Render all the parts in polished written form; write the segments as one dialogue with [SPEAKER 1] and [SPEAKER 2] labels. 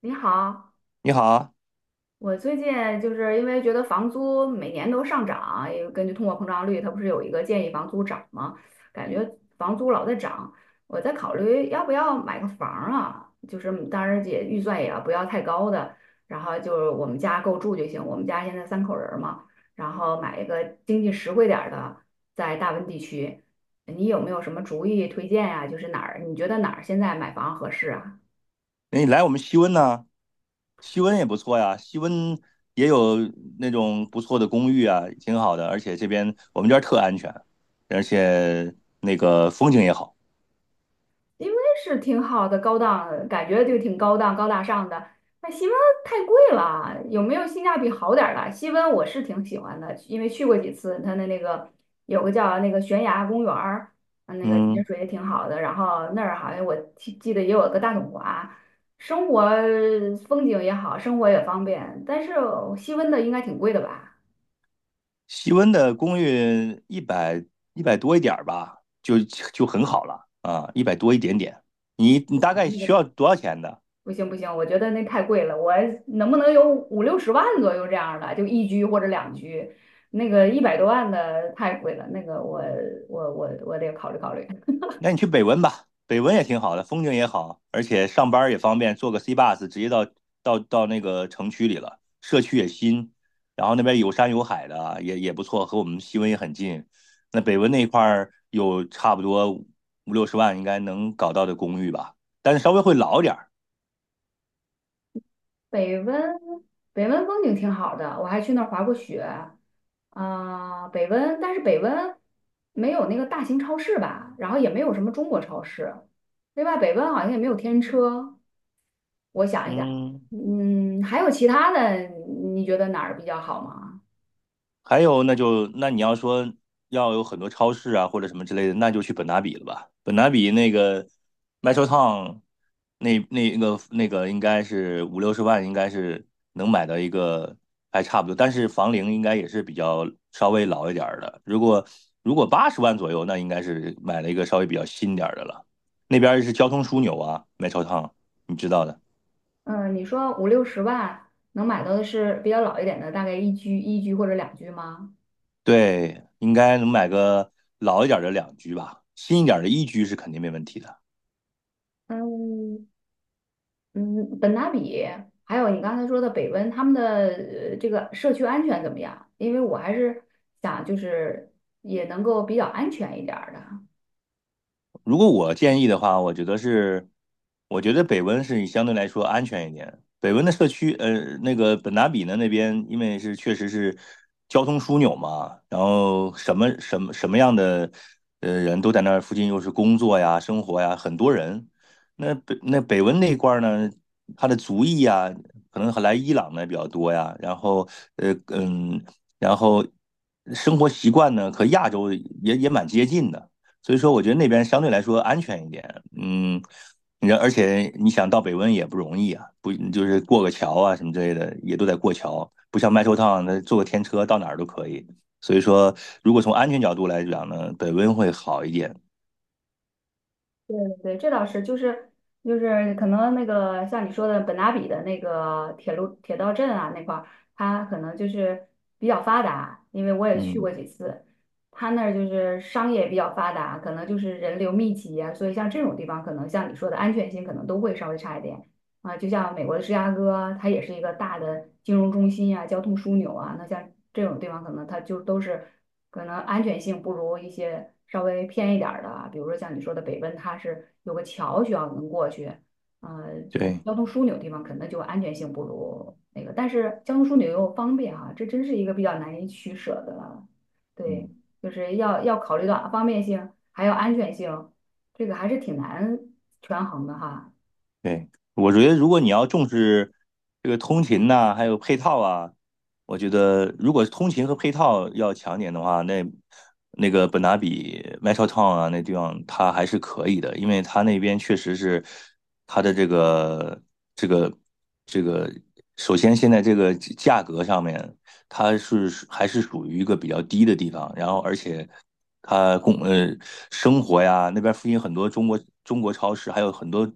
[SPEAKER 1] 你好，
[SPEAKER 2] 你好啊，
[SPEAKER 1] 我最近就是因为觉得房租每年都上涨，也根据通货膨胀率，它不是有一个建议房租涨吗？感觉房租老在涨，我在考虑要不要买个房儿啊，就是当然也预算也要不要太高的，然后就是我们家够住就行。我们家现在三口人儿嘛，然后买一个经济实惠点儿的，在大温地区，你有没有什么主意推荐呀、就是哪儿你觉得哪儿现在买房合适啊？
[SPEAKER 2] 哎你来我们西温呢、西温也不错呀，西温也有那种不错的公寓啊，挺好的，而且这边我们这儿特安全，而且那个风景也好。
[SPEAKER 1] 因为是挺好的，高档，感觉就挺高档、高大上的。那西温太贵了，有没有性价比好点儿的？西温我是挺喜欢的，因为去过几次，它的那个有个叫那个悬崖公园儿，那个潜
[SPEAKER 2] 嗯，
[SPEAKER 1] 水也挺好的。然后那儿好像我记得也有个大统华，生活风景也好，生活也方便。但是西温的应该挺贵的吧？
[SPEAKER 2] 西温的公寓一百多一点儿吧，就很好了啊，一百多一点点。你大概需要多少钱的？
[SPEAKER 1] 不行不行，我觉得那太贵了，我能不能有五六十万左右这样的，就一居或者两居，那个一百多万的太贵了，那个我得考虑考虑。
[SPEAKER 2] 那你去北温吧，北温也挺好的，风景也好，而且上班也方便，坐个 C bus 直接到那个城区里了，社区也新，然后那边有山有海的啊，也不错，和我们西温也很近。那北温那一块儿有差不多五六十万应该能搞到的公寓吧，但是稍微会老点儿。
[SPEAKER 1] 北温北温风景挺好的，我还去那儿滑过雪，啊、北温，但是北温没有那个大型超市吧，然后也没有什么中国超市，另外北温好像也没有天车，我想一想，
[SPEAKER 2] 嗯，
[SPEAKER 1] 嗯，还有其他的，你觉得哪儿比较好吗？
[SPEAKER 2] 还有，那就那你要说要有很多超市啊或者什么之类的，那就去本拿比了吧。本拿比那个 Metro Town 那个应该是五六十万，应该是能买到一个还差不多，但是房龄应该也是比较稍微老一点儿的。如果80万左右，那应该是买了一个稍微比较新点儿的了。那边儿是交通枢纽啊，Metro Town,你知道的。
[SPEAKER 1] 嗯，你说五六十万能买到的是比较老一点的，大概一居、一居或者两居吗？
[SPEAKER 2] 对，应该能买个老一点儿的两居吧，新一点儿的一居是肯定没问题的。
[SPEAKER 1] 嗯嗯，本拿比，还有你刚才说的北温，他们的这个社区安全怎么样？因为我还是想就是也能够比较安全一点儿的。
[SPEAKER 2] 如果我建议的话，我觉得是，我觉得北温是相对来说安全一点。北温的社区，那个本达比呢那边，因为是确实是交通枢纽嘛，然后什么什么什么样的人都在那儿附近，又是工作呀、生活呀，很多人。那北那北温那一块儿呢，他的族裔呀，可能来伊朗的比较多呀，然后呃嗯，然后生活习惯呢和亚洲也蛮接近的。所以说我觉得那边相对来说安全一点。嗯，你而且你想到北温也不容易啊，不就是过个桥啊什么之类的，也都得过桥，不像麦收趟那坐个天车到哪儿都可以。所以说，如果从安全角度来讲呢，北温会好一点。
[SPEAKER 1] 对对，这倒是，就是可能那个像你说的本拉比的那个铁路铁道镇啊那块儿，它可能就是比较发达，因为我也去过
[SPEAKER 2] 嗯，
[SPEAKER 1] 几次，它那儿就是商业比较发达，可能就是人流密集啊，所以像这种地方，可能像你说的安全性可能都会稍微差一点啊。就像美国的芝加哥，它也是一个大的金融中心啊，交通枢纽啊，那像这种地方可能它就都是。可能安全性不如一些稍微偏一点儿的啊比如说像你说的北奔，它是有个桥需要能过去，就是
[SPEAKER 2] 对，
[SPEAKER 1] 交通枢纽地方，可能就安全性不如那个，但是交通枢纽又方便啊，这真是一个比较难以取舍的，对，
[SPEAKER 2] 嗯。
[SPEAKER 1] 就是要考虑到方便性，还有安全性，这个还是挺难权衡的哈。
[SPEAKER 2] 对，我觉得如果你要重视这个通勤呐、还有配套啊，我觉得如果通勤和配套要强点的话，那那个本拿比 Metrotown 啊那地方它还是可以的，因为它那边确实是它的这个这个，首先现在这个价格上面它是还是属于一个比较低的地方，然后而且它供生活呀，那边附近很多中国超市，还有很多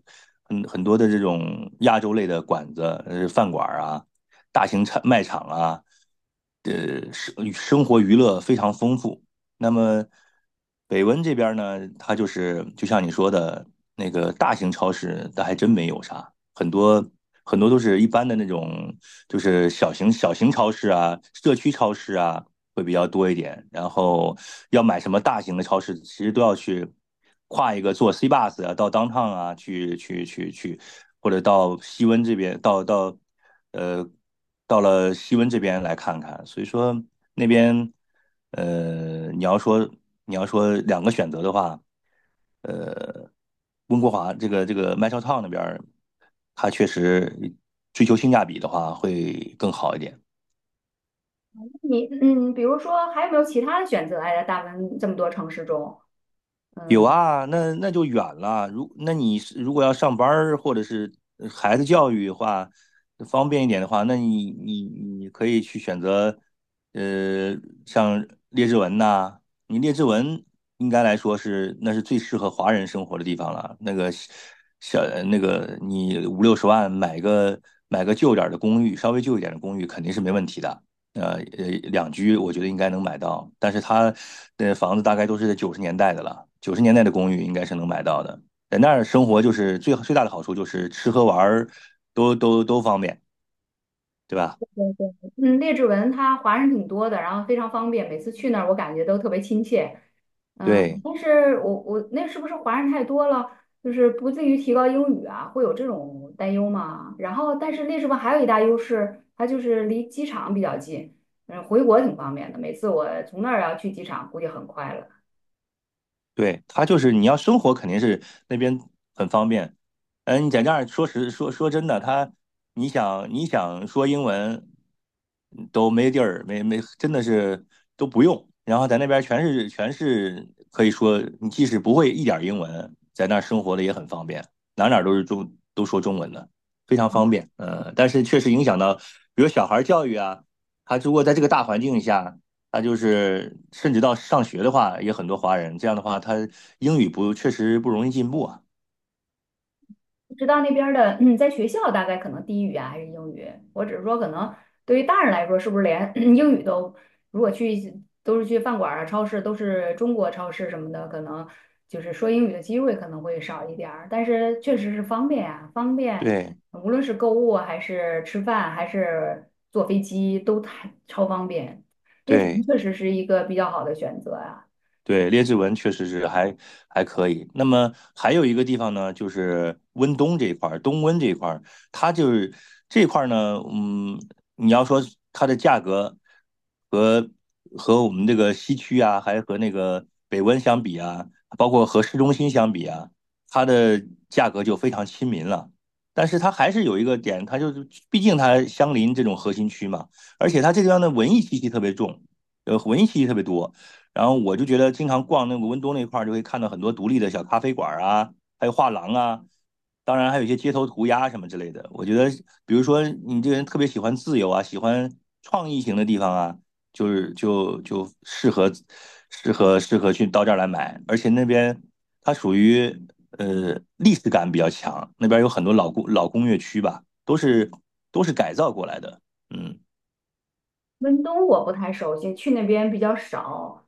[SPEAKER 2] 很很多的这种亚洲类的馆子、饭馆儿啊，大型产卖场啊，生活娱乐非常丰富。那么北温这边呢，它就是就像你说的那个大型超市，它还真没有啥，很多都是一般的那种，就是小型超市啊、社区超市啊，会比较多一点。然后要买什么大型的超市，其实都要去跨一个坐 C bus 啊，到 downtown 啊，去，或者到西温这边，呃到了西温这边来看看。所以说那边你要说两个选择的话，呃，温哥华这个麦超 town 那边它确实追求性价比的话会更好一点。
[SPEAKER 1] 你嗯，比如说还有没有其他的选择？哎，在大温这么多城市中，
[SPEAKER 2] 有
[SPEAKER 1] 嗯。
[SPEAKER 2] 啊，那就远了。那你是如果要上班儿或者是孩子教育的话，方便一点的话，那你可以去选择，呃，像列治文呐、你列治文应该来说是那是最适合华人生活的地方了。那个小那个你五六十万买个旧点儿的公寓，稍微旧一点的公寓肯定是没问题的。呃呃两居，我觉得应该能买到，但是它的房子大概都是在九十年代的了，九十年代的公寓应该是能买到的。在那儿生活就是最最大的好处就是吃喝玩儿都方便，对吧？
[SPEAKER 1] 对对，嗯，列治文他华人挺多的，然后非常方便，每次去那儿我感觉都特别亲切。嗯，
[SPEAKER 2] 对。
[SPEAKER 1] 但是我那是不是华人太多了，就是不至于提高英语啊，会有这种担忧吗？然后，但是列治文还有一大优势，它就是离机场比较近，嗯，回国挺方便的。每次我从那儿要去机场，估计很快了。
[SPEAKER 2] 对，它就是你要生活肯定是那边很方便。嗯，你在那儿说实说说真的，他你想说英文都没地儿，没真的是都不用。然后在那边全是可以说，你即使不会一点儿英文，在那儿生活的也很方便，哪儿都是中都说中文的，非常方便。嗯，但是确实影响到，比如小孩儿教育啊，他如果在这个大环境下。他就是甚至到上学的话，也很多华人。这样的话，他英语不确实不容易进步啊。
[SPEAKER 1] 知道那边儿的，嗯，在学校大概可能低语啊，还是英语。我只是说，可能对于大人来说，是不是连 英语都，如果去都是去饭馆儿啊、超市，都是中国超市什么的，可能就是说英语的机会可能会少一点儿。但是确实是方便啊，方便，
[SPEAKER 2] 对
[SPEAKER 1] 无论是购物啊还是吃饭，还是坐飞机，都太超方便。那支敦
[SPEAKER 2] 对，
[SPEAKER 1] 确实是一个比较好的选择啊。
[SPEAKER 2] 对，列治文确实是还可以。那么还有一个地方呢，就是温东这一块儿，东温这一块儿，它就是这块儿呢，嗯，你要说它的价格和和我们这个西区啊，还和那个北温相比啊，包括和市中心相比啊，它的价格就非常亲民了。但是它还是有一个点，它就是毕竟它相邻这种核心区嘛，而且它这地方的文艺气息特别重，文艺气息特别多。然后我就觉得经常逛那个温州那块儿，就会看到很多独立的小咖啡馆啊，还有画廊啊，当然还有一些街头涂鸦什么之类的。我觉得，比如说你这个人特别喜欢自由啊，喜欢创意型的地方啊，就是适合去到这儿来买，而且那边它属于历史感比较强，那边有很多老工业区吧，都是改造过来的，嗯
[SPEAKER 1] 温东我不太熟悉，去那边比较少。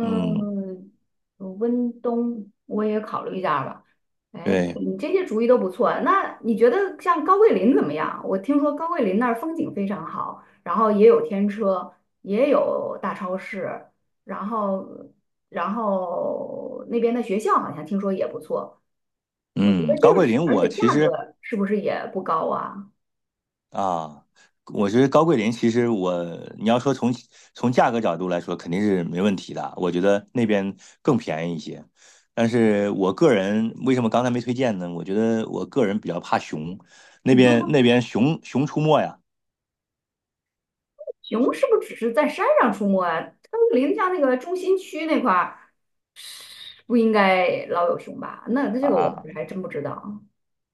[SPEAKER 2] 嗯。
[SPEAKER 1] 温东我也考虑一下吧。哎，
[SPEAKER 2] 对，
[SPEAKER 1] 你这些主意都不错。那你觉得像高桂林怎么样？我听说高桂林那儿风景非常好，然后也有天车，也有大超市，然后然后那边的学校好像听说也不错。我觉
[SPEAKER 2] 嗯，
[SPEAKER 1] 得
[SPEAKER 2] 高
[SPEAKER 1] 这个
[SPEAKER 2] 桂林，
[SPEAKER 1] 是，而
[SPEAKER 2] 我
[SPEAKER 1] 且价
[SPEAKER 2] 其
[SPEAKER 1] 格
[SPEAKER 2] 实
[SPEAKER 1] 是不是也不高啊？
[SPEAKER 2] 啊，我觉得高桂林其实我，你要说从价格角度来说，肯定是没问题的。我觉得那边更便宜一些，但是我个人为什么刚才没推荐呢？我觉得我个人比较怕熊，那边 那边熊出没呀，
[SPEAKER 1] 熊是不是只是在山上出没啊？高桂林像那个中心区那块儿。不应该老有熊吧？那这个我
[SPEAKER 2] 啊，
[SPEAKER 1] 还真不知道。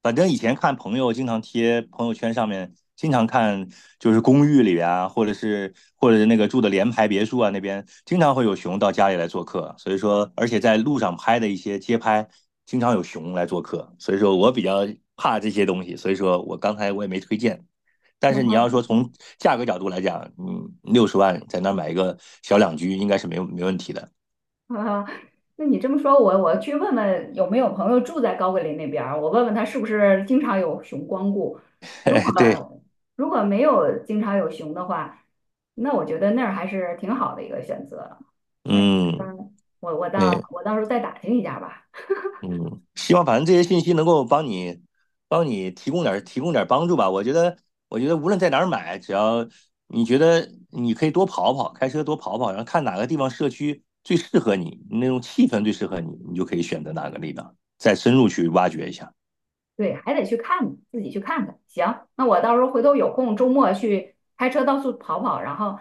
[SPEAKER 2] 反正以前看朋友经常贴朋友圈上面，经常看就是公寓里边啊，或者是那个住的联排别墅啊那边，经常会有熊到家里来做客。所以说，而且在路上拍的一些街拍，经常有熊来做客。所以说我比较怕这些东西，所以说我刚才我也没推荐。但是你要说 从价格角度来讲，嗯，六十万在那儿买一个小两居应该是没问题的。
[SPEAKER 1] 那你这么说，我去问问有没有朋友住在高桂林那边儿我问问他是不是经常有熊光顾。如
[SPEAKER 2] 哎
[SPEAKER 1] 果
[SPEAKER 2] 对，
[SPEAKER 1] 如果没有经常有熊的话，那我觉得那儿还是挺好的一个选择。但是，
[SPEAKER 2] 嗯，
[SPEAKER 1] 我我到
[SPEAKER 2] 对，
[SPEAKER 1] 我到时候再打听一下吧。
[SPEAKER 2] 嗯，希望反正这些信息能够帮你，提供点儿帮助吧。我觉得，我觉得无论在哪儿买，只要你觉得你可以多跑跑，开车多跑跑，然后看哪个地方社区最适合你，那种气氛最适合你，你就可以选择哪个地方，再深入去挖掘一下。
[SPEAKER 1] 对，还得去看，自己去看看。行，那我到时候回头有空，周末去开车到处跑跑，然后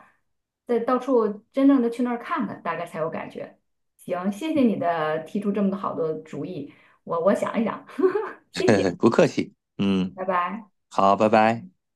[SPEAKER 1] 再到处真正的去那儿看看，大概才有感觉。行，谢谢你的提出这么多好的主意，我想一想，谢谢，
[SPEAKER 2] 不客气，
[SPEAKER 1] 拜
[SPEAKER 2] 嗯，
[SPEAKER 1] 拜。
[SPEAKER 2] 好，拜拜。